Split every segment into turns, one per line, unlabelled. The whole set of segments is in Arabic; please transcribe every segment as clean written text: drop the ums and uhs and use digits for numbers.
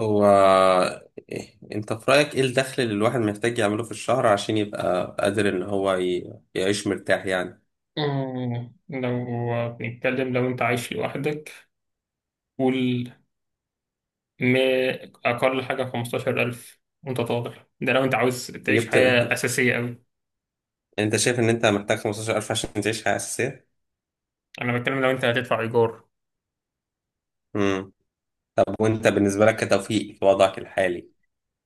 هو، إيه انت في رأيك ايه الدخل اللي الواحد محتاج يعمله في الشهر عشان يبقى قادر ان هو يعيش مرتاح يعني
لو بنتكلم، لو انت عايش لوحدك، قول ما اقل حاجه 15000 وانت طالع. ده لو انت عاوز تعيش
جبت.
حياه اساسيه قوي.
انت شايف ان انت محتاج 15,000 عشان تعيش حياة أساسية؟
انا بتكلم لو انت هتدفع ايجار.
امم طب وانت بالنسبة لك كتوفيق في وضعك الحالي،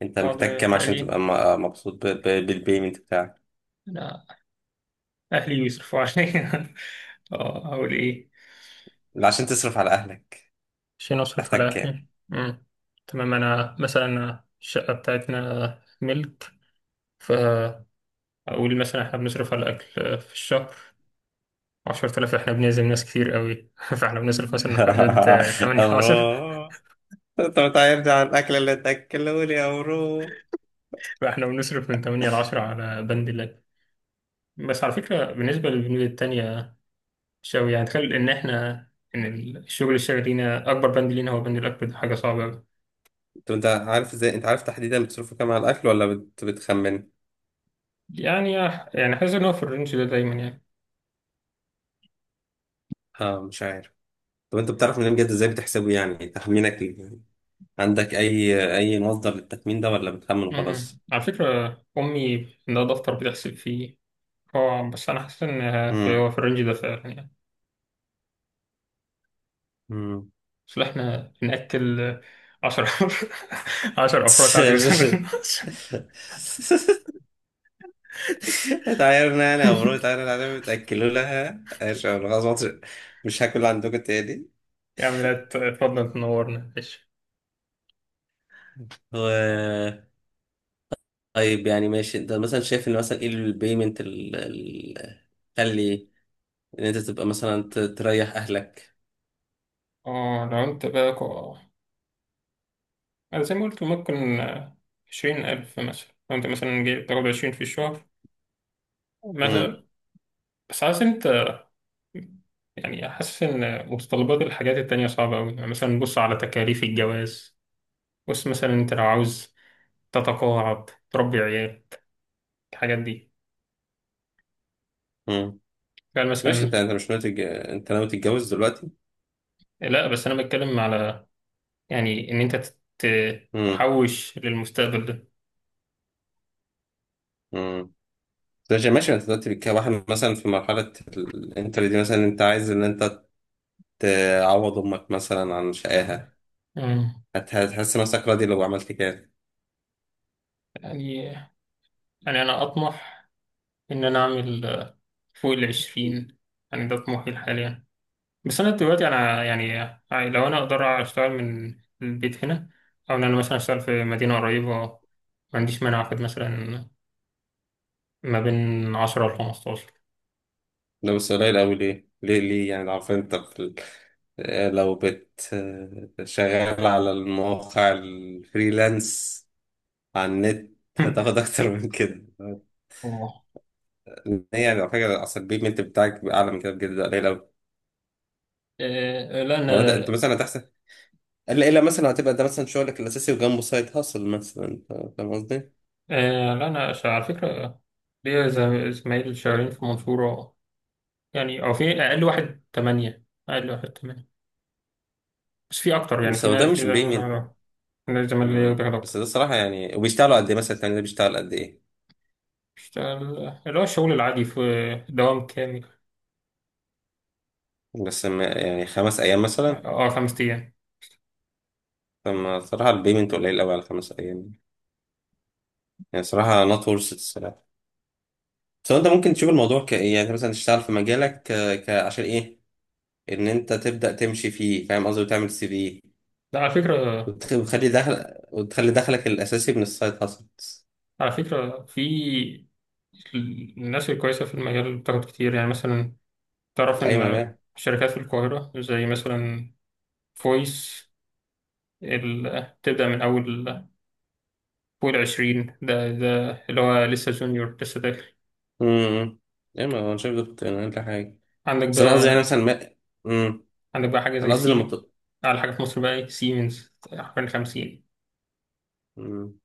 انت محتاج
الوضع
كام عشان تبقى
الحالي،
مبسوط بالبيمنت بتاعك؟
انا اهلي بيصرفوا عليا. اه، اقول ايه؟
لا، عشان تصرف على اهلك
عشان اصرف
محتاج
على
كام؟
اهلي. مم. تمام، انا مثلا الشقه بتاعتنا ملك، فاقول مثلا احنا بنصرف على الاكل في الشهر 10000. احنا بنعزم ناس كتير قوي فاحنا بنصرف مثلا في حدود 8 ل 10.
أمرو، انت بتعرفني على الاكل اللي تاكلوني يا أمرو.
فاحنا بنصرف من 8 ل 10 على بند اللاب. بس على فكرة، بالنسبة للبنود التانية شوي، يعني تخيل ان الشغل الشاغل لينا، اكبر بند لينا هو بند الاكبر، ده حاجة صعبة قوي.
طب انت عارف ازاي، انت عارف تحديدا بتصرفوا كام على الاكل ولا بتخمن؟
يعني يعني حاسس ان هو في الرينج ده دايما يعني.
اه، مش عارف. طب انت بتعرف منين بجد، ازاي بتحسبه يعني تخمينك ليه؟ يعني عندك اي مصدر للتخمين ده ولا بتخمن
مم.
وخلاص؟
على فكرة، امي عندها دفتر بتحسب فيه. هو بس انا حاسس ان
امم.
هو في الرينج ده فعلا يعني.
امم.
بس احنا بنأكل 10 10 افراد عادي مثلا.
اتعايرنا يعني يا مرو، اتعايرنا عليهم، تاكلوا لها ايش، أنا خلاص مش هاكل عندكم تاني.
يا عم لا، اتفضل تنورنا، ماشي.
و... طيب يعني ماشي، انت مثلا شايف ان مثلا ايه البيمنت اللي تخلي ان انت تبقى مثلا تريح اهلك؟
اه، لو انت بقى كو- أنا زي ما قلت ممكن 20000 مثلا. لو انت مثلا جاي تاخد 20 في الشهر
امم.
مثلا. بس عايز انت، يعني حاسس إن متطلبات الحاجات التانية صعبة أوي. يعني مثلا بص على تكاليف الجواز. بص مثلا، أنت لو عاوز تتقاعد، تربي عيال، الحاجات دي.
امم.
قال
بس ماشي، انت
مثلا.
انت مش ناوي انت ناوي تتجوز دلوقتي؟
لا، بس أنا بتكلم على يعني إن أنت
امم.
تحوش للمستقبل ده.
امم. ماشي ماشي، انت دلوقتي كواحد مثلا في مرحلة الانتر دي، مثلا انت عايز ان انت تعوض امك مثلا عن شقاها.
مم.
هتحس نفسك راضي لو عملت كده؟
يعني يعني أنا أطمح إن أنا أعمل، فوق 20. يعني ده طموحي حاليا. بس أنا دلوقتي أنا يعني لو أنا أقدر أشتغل من البيت هنا، أو إن أنا مثلا أشتغل في مدينة قريبة، ما عنديش مانع أخد مثلا ما بين 10 ل 15.
لو بس قليل قوي، ليه ليه ليه يعني؟ لو عارف انت في اه، لو اه، شغال على المواقع الفريلانس على النت هتاخد اكتر من كده.
أوه.
إن هي يعني على فكرة اصل البيمنت بتاعك بيبقى اعلى من كده بجد، ده قليل قوي.
آه، لا
ولا ده
أنا
انت مثلا هتحسن، الا الا مثلا هتبقى ده مثلا شغلك الاساسي وجنبه سايد هاسل مثلا انت، فاهم قصدي؟
آه، لا أنا ش- على فكرة ليا زمايل شغالين في المنصورة. يعني أو في أقل واحد 8، أقل واحد 8. بس في أكتر، يعني
بس
في
هو ده
ناس، في
مش
زمايل
بيمين.
أنا زمايل ليا بياخدوا
بس
أكتر.
ده الصراحه يعني. وبيشتغلوا قد ايه مثلا؟ التاني ده بيشتغل قد ايه؟
اشتغل اللي هو الشغل العادي في دوام كامل.
بس ما يعني خمس ايام مثلا؟
اه، 5 أيام.
فما صراحه البيمنت قليل قوي على خمس ايام. يعني صراحه نوت ورث الصراحه. بس هو انت ممكن تشوف الموضوع كايه، يعني انت مثلا تشتغل في مجالك عشان ايه ان انت تبدا تمشي فيه، فاهم قصدي، وتعمل سي في
ده على فكرة
وتخلي دخل وتخلي دخلك الاساسي من السايد هاسلز.
على فكرة في الناس الكويسة في المجال بتاخد كتير. يعني مثلا تعرف إن
ايوه.
شركات في القاهرة زي مثلا فويس، تبدأ من أول فوق 20. ده اللي هو لسه جونيور، لسه داخل.
امم. ايه ما هو انا شايف ده كنت اقل حاجه.
عندك
بس انا قصدي يعني
بقى
مثلا ما امم.
عندك بقى حاجة زي
انا قصدي
سيم. أعلى حاجة في مصر بقى سيمنز حوالي 50.
مم.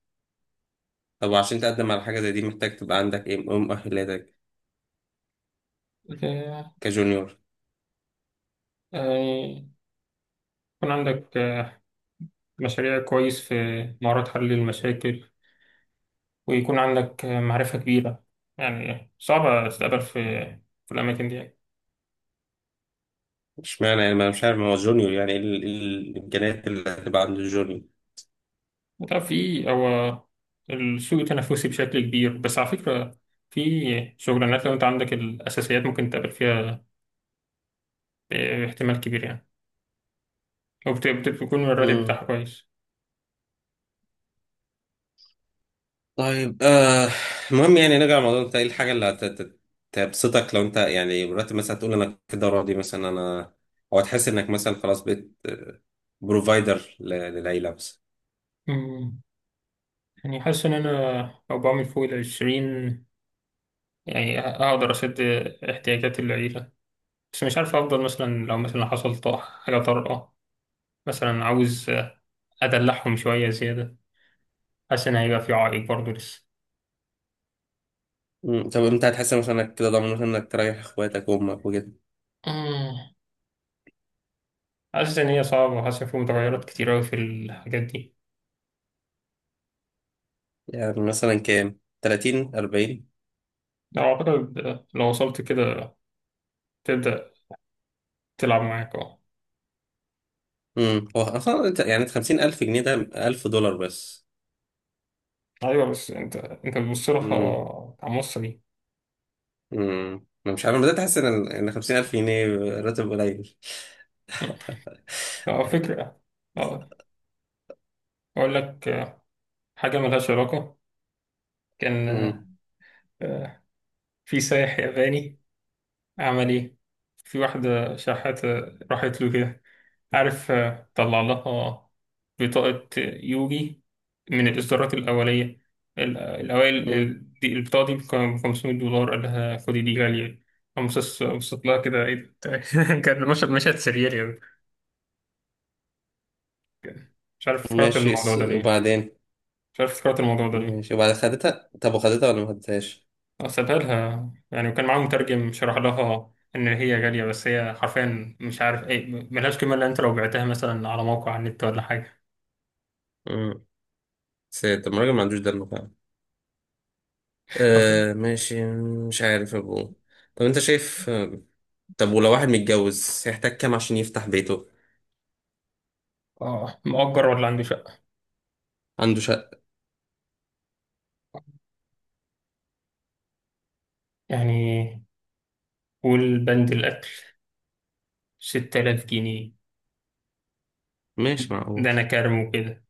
طب عشان تقدم على حاجه زي دي، محتاج تبقى عندك ايه، إيه مؤهلاتك
آه،
كجونيور؟
يعني يكون عندك مشاريع كويس في مهارات حل المشاكل، ويكون عندك معرفة كبيرة. يعني صعبة تتقابل في الأماكن دي يعني.
اشمعنى يعني، ما أنا مش عارف ما هو جونيور يعني ايه، إيه الامكانيات اللي هتبقى عند الجونيور؟
وطبعا في هو السوق التنافسي بشكل كبير. بس على فكرة، في شغلانات لو أنت عندك الأساسيات ممكن تقابل فيها احتمال كبير يعني، وبتكون الراتب
امم.
بتاعها كويس.
طيب آه، المهم يعني نرجع لموضوع انت ايه الحاجه اللي تبسطك لو انت يعني مرتب، مثلا تقول انا كده راضي مثلا انا، او تحس انك مثلا خلاص بقيت بروفايدر للعيله.
أمم، يعني حاسس إن أنا لو بعمل فوق 20، يعني أقدر أسد احتياجات العيلة. بس مش عارف أفضل مثلا لو مثلا حصل حاجة طارئة، مثلا عاوز أدلعهم شوية زيادة. حاسس إن هيبقى في عائق برضه لسه.
مم. طب انت هتحس مثلا انك كده ضامن مثلا انك تريح اخواتك وامك وكده؟
مم. حاسس إن هي صعبة، وحاسس إن في متغيرات كتير أوي في الحاجات دي.
يعني مثلا كام، 30 40؟
لو أعتقد لو وصلت كده تبدأ تلعب معاك أه.
امم. هو اصلا يعني 50,000 جنيه ده 1000 دولار بس.
أيوة، بس أنت بتبص
امم.
لها كمصري.
امم. انا مش عارف، أنا بدأت احس ان 50,000 جنيه راتب قليل.
أه، فكرة. أه، أقول لك حاجة ملهاش علاقة. كان
امم.
آه، في سايح ياباني، عمل إيه؟ في واحدة شحاتة راحت له كده. عارف، طلع لها بطاقة يوجي من الإصدارات الأولية، الأوائل،
امم.
البطاقة دي ب 500 دولار، قال لها خدي دي غالية. قامت بصت لها، كده إيه ده؟ كان مشهد سرير يعني. مش عارف افتكرت
ماشي
الموضوع ده ليه.
وبعدين.
مش عارف افتكرت الموضوع ده ليه.
ماشي، وبعد خدتها طب، وخدتها ولا ما خدتهاش؟
سابها لها يعني، وكان معاه مترجم شرح لها إن هي غالية، بس هي حرفيا مش عارف إيه، ملهاش قيمة إلا أنت لو بعتها مثلا على موقع على النت ولا حاجة.
امم. سيد، طب ما الراجل ما عندوش دم فعلا؟
حرفيا.
آه ماشي. مش عارف يا ابو. طب انت شايف، طب ولو واحد متجوز هيحتاج كام عشان يفتح بيته؟
اه، مؤجر ولا عنده شقة؟
عنده شقة.
يعني، والبند الأكل 6000 جنيه.
ماشي معقول.
ده أنا كارمه كده.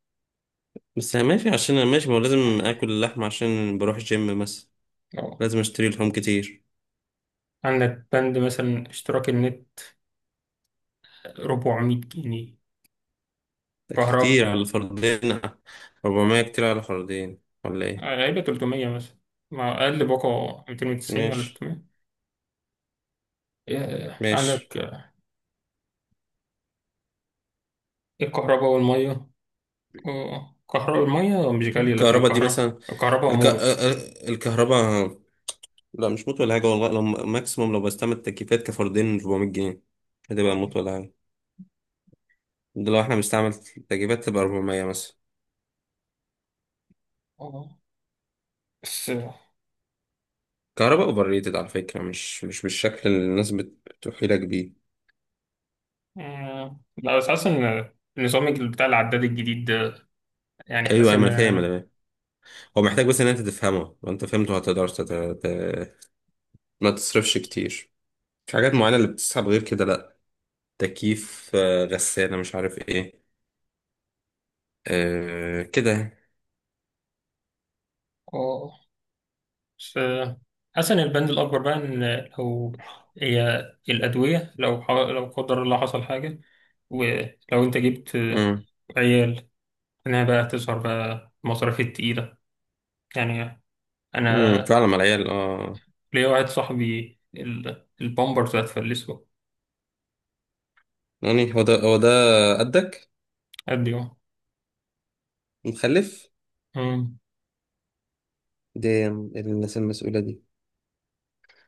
بس يعني ماشي، عشان انا ماشي ما هو لازم اكل اللحمة عشان بروح جيم مثلا،
أه،
لازم اشتري لحوم كتير.
عندك بند مثلا اشتراك النت 400 جنيه.
ده
كهرباء
كتير على الفردين. 400 كتير على الفردين ولا ايه؟
غالبا 300 مثلا، مع أقل باقة 290 ولا
ماشي.
300.
ماشي.
عندك الكهرباء والمية. الكهرباء والمية مش غالية، لكن
الكهرباء دي
الكهرباء
مثلا،
الكهرباء موت.
الكهرباء، لا مش موت ولا حاجة والله. لو ماكسيموم لو بستعمل تكييفات كفردين 400 جنيه، هتبقى موت ولا حاجة. ده لو احنا بنستعمل تكييفات تبقى 400 مثلا.
آه، بس
كهرباء اوفر ريتد على فكره، مش بالشكل اللي الناس بتوحي لك بيه.
لا بس حاسس إن النظام بتاع العداد الجديد ده، يعني
ايوه
حاسس
ايوه،
إن،
انا فاهم. هو محتاج بس ان انت تفهمه، لو انت فهمته هتقدر ت... ما تصرفش كتير. في حاجات معينه اللي بتسحب غير كده، لا. تكييف آه، غساله مش عارف ايه، آه كده.
آه، بس حسن البند الأكبر بقى إن لو هي الأدوية، لو قدر الله حصل حاجة، ولو أنت جبت
امم.
عيال، إنها بقى تظهر بقى المصاريف التقيلة. يعني
امم.
أنا
فعلا مع العيال اه.
ليا واحد صاحبي، البامبرز هتفلسه.
يعني هو ده. قدك
قد يوم.
مخلف؟
مم.
دي الناس المسؤوله دي.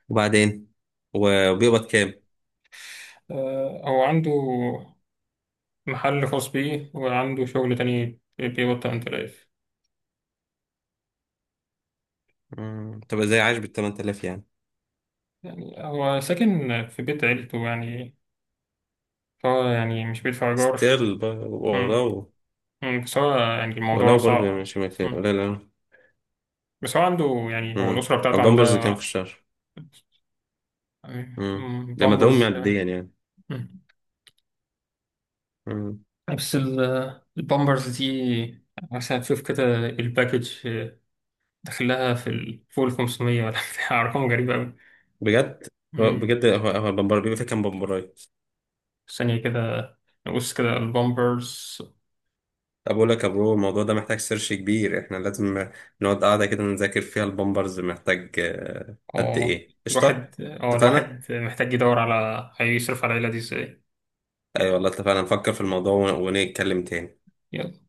وبعدين وبيقبض كام؟
هو عنده محل خاص بيه وعنده شغل تاني بيقبض 8000.
مم، تبقى زي عايش بال 8000 يعني.
يعني هو ساكن في بيت عيلته يعني، فهو يعني مش بيدفع إيجار.
ستيل.
بس هو يعني الموضوع
ولو برضو يعني
صعب.
مش مثال،
مم.
لا لا.
بس هو عنده، يعني هو
امم.
الأسرة بتاعته
البامبرز كام في
عندها.
الشهر؟
يعني،
امم.
مم،
ده مدعوم
بامبرز.
معديا يعني.
مم.
امم.
بس البامبرز دي، مثلا تشوف كده الباكج داخلها في فوق ال 500 ولا بتاع أرقام غريبة أوي.
بجد
مم.
هو البامبر بيبقى فيه كام بامبرايه؟
ثانية كده، نبص كده البامبرز.
طب اقول لك يا برو، الموضوع ده محتاج سيرش كبير. احنا لازم نقعد قاعده كده نذاكر فيها البامبرز محتاج آه، قد
اه
ايه قشطه. اتفقنا.
الواحد محتاج يدور على هيصرف على العيلة دي ازاي.
اي أيوة والله اتفقنا نفكر في الموضوع ونتكلم تاني.
يلا.